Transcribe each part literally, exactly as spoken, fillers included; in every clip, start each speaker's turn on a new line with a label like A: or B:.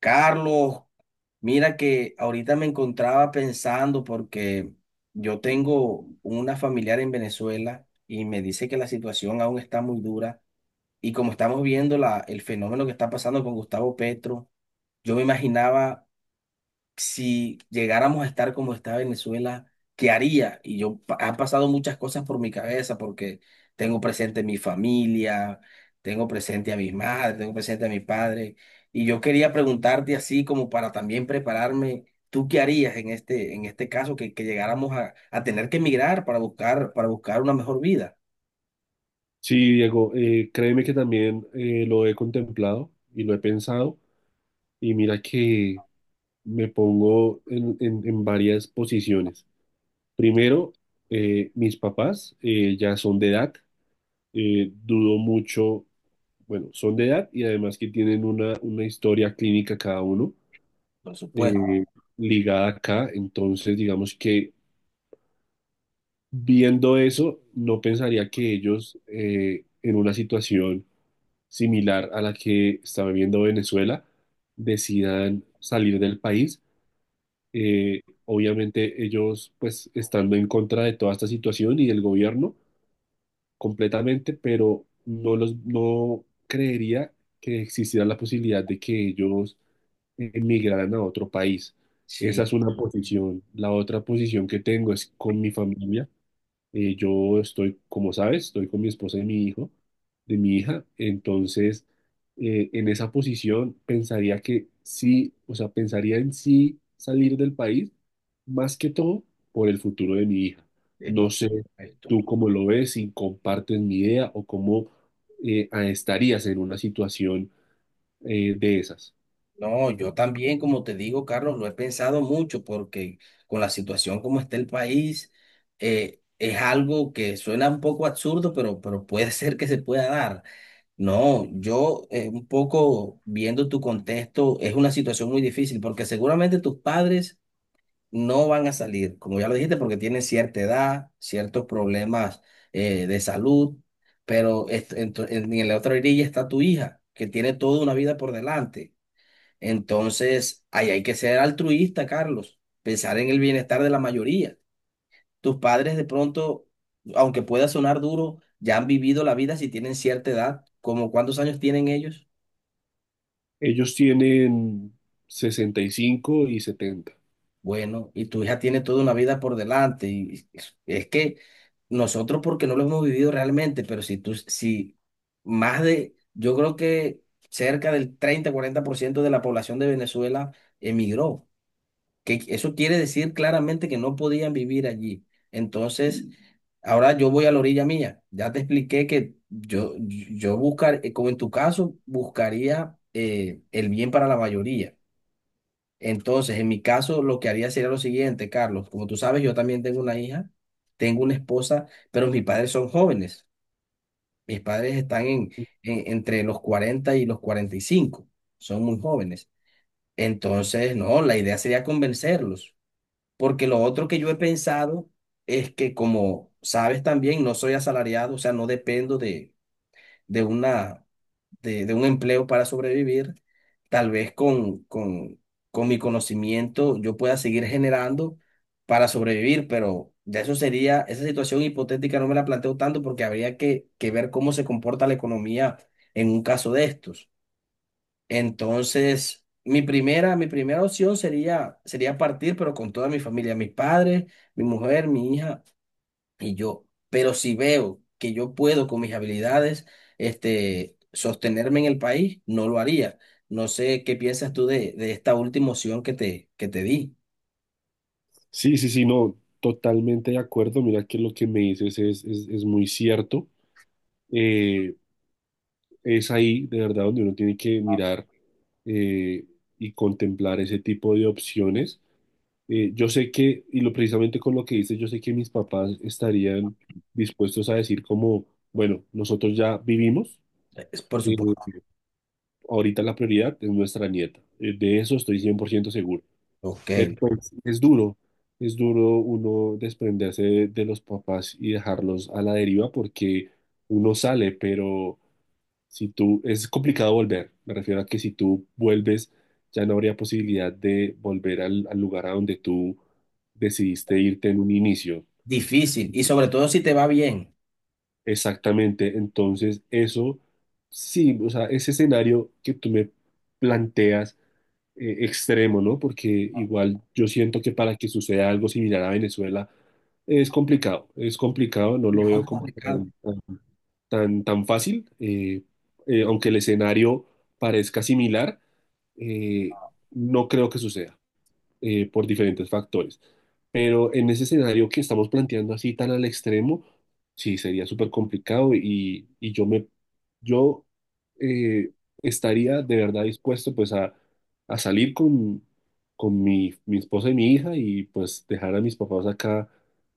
A: Carlos, mira que ahorita me encontraba pensando porque yo tengo una familiar en Venezuela y me dice que la situación aún está muy dura y como estamos viendo la, el fenómeno que está pasando con Gustavo Petro, yo me imaginaba si llegáramos a estar como está Venezuela, ¿qué haría? Y yo, pa- han pasado muchas cosas por mi cabeza porque tengo presente mi familia, tengo presente a mis madres, tengo presente a mi padre. Y yo quería preguntarte así como para también prepararme, ¿tú qué harías en este, en este caso que, que llegáramos a, a tener que emigrar para buscar, para buscar una mejor vida?
B: Sí, Diego, eh, créeme que también eh, lo he contemplado y lo he pensado y mira que me pongo en, en- en varias posiciones. Primero, eh, mis papás eh, ya son de edad, eh, dudo mucho, bueno, son de edad y además que tienen una, una historia clínica cada uno
A: Por
B: eh,
A: supuesto.
B: ligada acá, entonces digamos que viendo eso, no pensaría que ellos eh, en una situación similar a la que está viviendo Venezuela, decidan salir del país. Eh, obviamente ellos pues estando en contra de toda esta situación y del gobierno completamente, pero no los no creería que existiera la posibilidad de que ellos emigraran a otro país.
A: Sí,
B: Esa es una posición. La otra posición que tengo es con mi familia. Eh, yo estoy, como sabes, estoy con mi esposa y mi hijo, de mi hija, entonces eh, en esa posición pensaría que sí, o sea, pensaría en sí salir del país, más que todo por el futuro de mi hija.
A: eh,
B: No
A: por-
B: sé
A: esto.
B: tú cómo lo ves, si compartes mi idea o cómo eh, ah, estarías en una situación eh, de esas.
A: No, yo también, como te digo, Carlos, lo he pensado mucho porque con la situación como está el país, eh, es algo que suena un poco absurdo, pero, pero puede ser que se pueda dar. No, yo eh, un poco viendo tu contexto, es una situación muy difícil porque seguramente tus padres no van a salir, como ya lo dijiste, porque tienen cierta edad, ciertos problemas eh, de salud, pero est- en, tu- en en la otra orilla está tu hija, que tiene toda una vida por delante. Entonces, ahí hay que ser altruista, Carlos, pensar en el bienestar de la mayoría. Tus padres de pronto, aunque pueda sonar duro, ya han vivido la vida si tienen cierta edad, ¿como cuántos años tienen ellos?
B: Ellos tienen sesenta y cinco y setenta.
A: Bueno, y tu hija tiene toda una vida por delante. Y es es que nosotros porque no lo hemos vivido realmente, pero si tú, si más de, yo creo que cerca del treinta cuarenta por ciento de la población de Venezuela emigró. Que eso quiere decir claramente que no podían vivir allí. Entonces, ahora yo voy a la orilla mía. Ya te expliqué que yo, yo buscar, eh, como en tu caso, buscaría eh, el bien para la mayoría. Entonces, en mi caso, lo que haría sería lo siguiente, Carlos. Como tú sabes, yo también tengo una hija, tengo una esposa, pero mis padres son jóvenes. Mis padres están en, en- entre los cuarenta y los cuarenta y cinco. Son muy jóvenes. Entonces, no, la idea sería convencerlos porque lo otro que yo he pensado es que, como sabes también, no soy asalariado, o sea, no dependo de, de una, de, de un empleo para sobrevivir. Tal vez con, con, con mi conocimiento yo pueda seguir generando para sobrevivir, pero de eso sería, esa situación hipotética no me la planteo tanto porque habría que, que ver cómo se comporta la economía en un caso de estos. Entonces, mi primera, mi primera opción sería, sería partir, pero con toda mi familia, mis padres, mi mujer, mi hija y yo. Pero si veo que yo puedo con mis habilidades, este, sostenerme en el país, no lo haría. No sé qué piensas tú de, de esta última opción que te, que te di.
B: Sí, sí, sí, no, totalmente de acuerdo. Mira que lo que me dices es, es, es muy cierto. Eh, es ahí, de verdad, donde uno tiene que mirar eh, y contemplar ese tipo de opciones. Eh, yo sé que, y lo precisamente con lo que dices, yo sé que mis papás estarían dispuestos a decir como, bueno, nosotros ya vivimos,
A: Es por
B: eh,
A: supuesto.
B: ahorita la prioridad es nuestra nieta. Eh, de eso estoy cien por ciento seguro. Pero
A: Ok.
B: pues es duro, es duro uno desprenderse de, de los papás y dejarlos a la deriva porque uno sale, pero si tú, es complicado volver. Me refiero a que si tú vuelves, ya no habría posibilidad de volver al, al lugar a donde tú decidiste irte en un inicio.
A: Difícil. Y sobre todo si te va bien.
B: Exactamente, entonces eso, sí, o sea, ese escenario que tú me planteas eh, extremo, ¿no? Porque igual yo siento que para que suceda algo similar a Venezuela es complicado, es complicado, no
A: Muy
B: lo veo como
A: complicado.
B: tan, tan, tan, tan fácil, eh, eh, aunque el escenario parezca similar, eh, no creo que suceda eh, por diferentes factores. Pero en ese escenario que estamos planteando así tan al extremo, sí sería súper complicado y, y yo me, yo eh, estaría de verdad dispuesto pues a, a salir con, con mi, mi esposa y mi hija y pues dejar a mis papás acá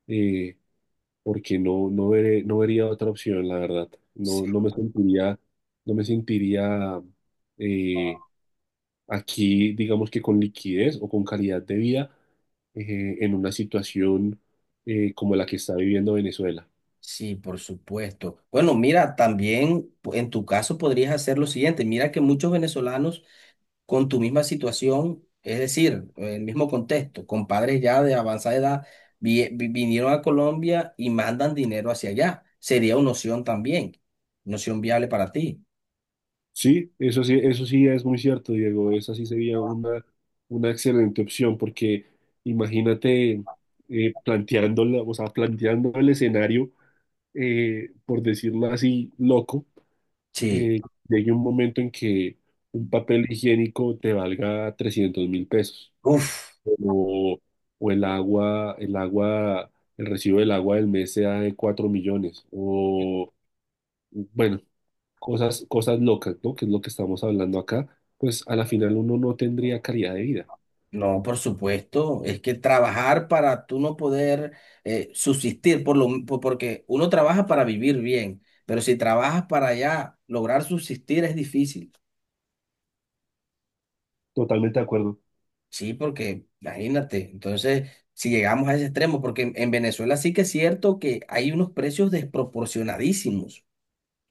B: eh, porque no, no veré, no vería otra opción, la verdad.
A: Sí.
B: No, no me sentiría, no me sentiría eh, aquí, digamos que con liquidez o con calidad de vida eh, en una situación eh, como la que está viviendo Venezuela.
A: Sí, por supuesto. Bueno, mira, también pu- en tu caso podrías hacer lo siguiente. Mira que muchos venezolanos con tu misma situación, es decir, el mismo contexto, con padres ya de avanzada edad, vi- vi- vinieron a Colombia y mandan dinero hacia allá. Sería una opción también, una opción viable para ti.
B: Sí, eso sí, eso sí es muy cierto, Diego. Esa sí sería una, una excelente opción porque imagínate eh, planteándola, o sea, planteando el escenario, eh, por decirlo así, loco,
A: Sí.
B: eh, llegue un momento en que un papel higiénico te valga trescientos mil pesos.
A: Uf.
B: O, o el agua, el agua, el recibo del agua del mes sea de cuatro millones, o bueno, cosas, cosas locas, ¿no? Que es lo que estamos hablando acá, pues a la final uno no tendría calidad de vida.
A: No, por supuesto, es que trabajar para tú no poder eh, subsistir, por lo, por- porque uno trabaja para vivir bien, pero si trabajas para ya lograr subsistir es difícil,
B: Totalmente de acuerdo.
A: sí, porque imagínate, entonces si llegamos a ese extremo, porque en, en, Venezuela sí que es cierto que hay unos precios desproporcionadísimos.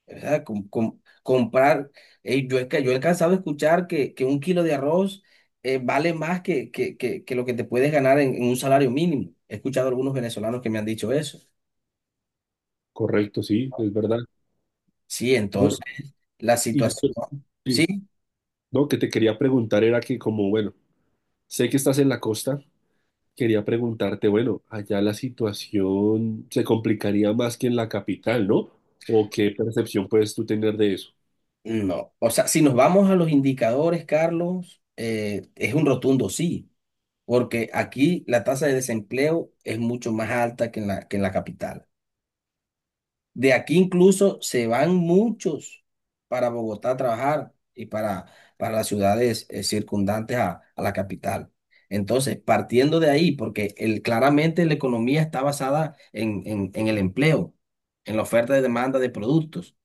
A: ¿Verdad? Com- com- comprar, eh, yo, he ca- yo he alcanzado a escuchar que, que un kilo de arroz eh, vale más que, que, que, que lo que te puedes ganar en, en un salario mínimo. He escuchado a algunos venezolanos que me han dicho eso.
B: Correcto, sí, es verdad.
A: Sí,
B: Bueno,
A: entonces, la
B: y yo
A: situación,
B: sí,
A: sí,
B: no, que te quería preguntar era que como, bueno, sé que estás en la costa, quería preguntarte, bueno, allá la situación se complicaría más que en la capital, ¿no? ¿O qué percepción puedes tú tener de eso?
A: no. O sea, si nos vamos a los indicadores, Carlos, eh, es un rotundo sí, porque aquí la tasa de desempleo es mucho más alta que en la, que en la capital. De aquí incluso se van muchos para Bogotá a trabajar y para, para las ciudades eh, circundantes a, a la capital. Entonces, partiendo de ahí, porque el, claramente la economía está basada en, en, en el empleo, en la oferta y demanda de productos.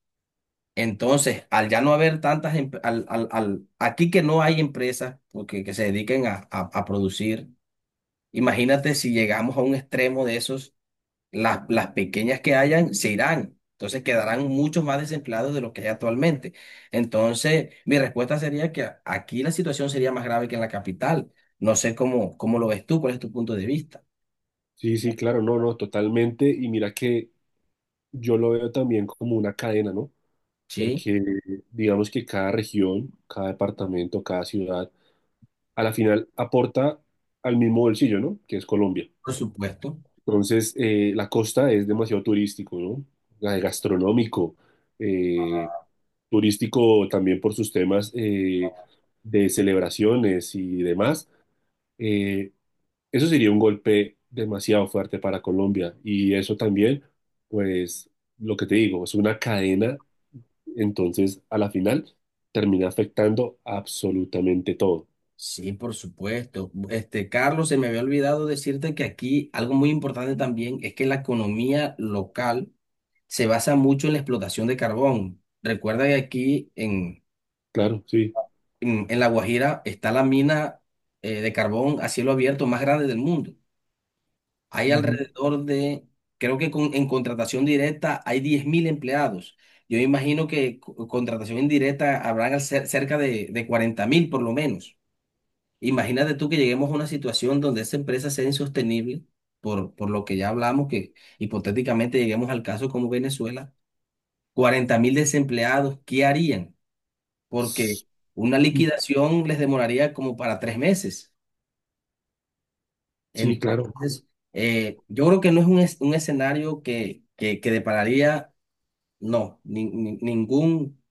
A: Entonces, al ya no haber tantas, em- al, al, al- aquí que no hay empresas porque, que se dediquen a, a, a producir, imagínate si llegamos a un extremo de esos las, las pequeñas que hayan se irán. Entonces quedarán muchos más desempleados de los que hay actualmente. Entonces, mi respuesta sería que a- aquí la situación sería más grave que en la capital. No sé cómo, cómo lo ves tú, cuál es tu punto de vista.
B: Sí, sí, claro, no, no, totalmente. Y mira que yo lo veo también como una cadena, ¿no?
A: Sí,
B: Porque digamos que cada región, cada departamento, cada ciudad, a la final aporta al mismo bolsillo, ¿no? Que es Colombia.
A: por supuesto.
B: Entonces, eh, la costa es demasiado turístico, ¿no? La- de gastronómico, eh, turístico también por sus temas eh, de celebraciones y demás. Eh, Eso sería un golpe demasiado fuerte para Colombia y eso también, pues lo que te digo, es una cadena, entonces a la final termina afectando absolutamente todo.
A: Sí, por supuesto. Este, Carlos, se me había olvidado decirte que aquí algo muy importante también es que la economía local se basa mucho en la explotación de carbón. Recuerda que aquí en,
B: Claro, sí.
A: en, en La Guajira está la mina eh, de carbón a cielo abierto más grande del mundo. Hay
B: Ujú.
A: alrededor de, creo que con- en contratación directa hay diez mil empleados. Yo imagino que co- contratación indirecta habrán al cer- cerca de, de cuarenta mil por lo menos. Imagínate tú que lleguemos a una situación donde esa empresa sea insostenible, por, por lo que ya hablamos, que hipotéticamente lleguemos al caso como Venezuela, cuarenta mil desempleados, ¿qué harían? Porque una liquidación les demoraría como para tres meses.
B: Sí, claro,
A: Entonces, eh, yo creo que no es un, es- un escenario que, que, que depararía, no, ni- ni- ningún,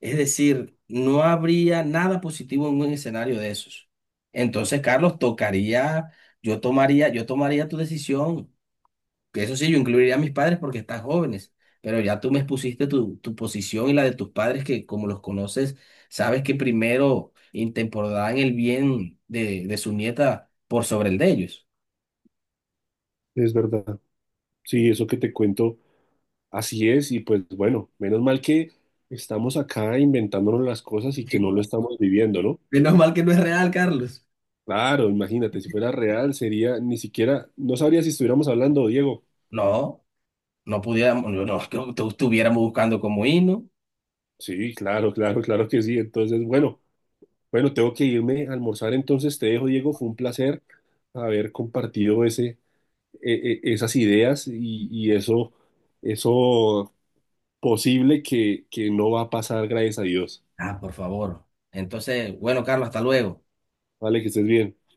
A: es decir, no habría nada positivo en un escenario de esos. Entonces, Carlos, tocaría, yo tomaría, yo tomaría tu decisión. Que eso sí, yo incluiría a mis padres porque están jóvenes, pero ya tú me expusiste tu, tu posición y la de tus padres, que como los conoces, sabes que primero intemporarán el bien de, de su nieta por sobre el de ellos.
B: es verdad. Sí, eso que te cuento, así es y pues bueno, menos mal que estamos acá inventándonos las cosas y que no lo estamos viviendo, ¿no?
A: Menos mal que no es real, Carlos.
B: Claro, imagínate, si fuera real sería, ni siquiera, no sabría si estuviéramos hablando, Diego.
A: No, no pudiéramos, no, no, que tú estuviéramos buscando como himno.
B: Sí, claro, claro, claro que sí. Entonces, bueno, bueno, tengo que irme a almorzar, entonces te dejo, Diego. Fue un placer haber compartido ese, e- e- esas ideas y, y eso, eso posible que, que no va a pasar, gracias a Dios.
A: Ah, por favor. Entonces, bueno, Carlos, hasta luego.
B: Vale, que estés bien.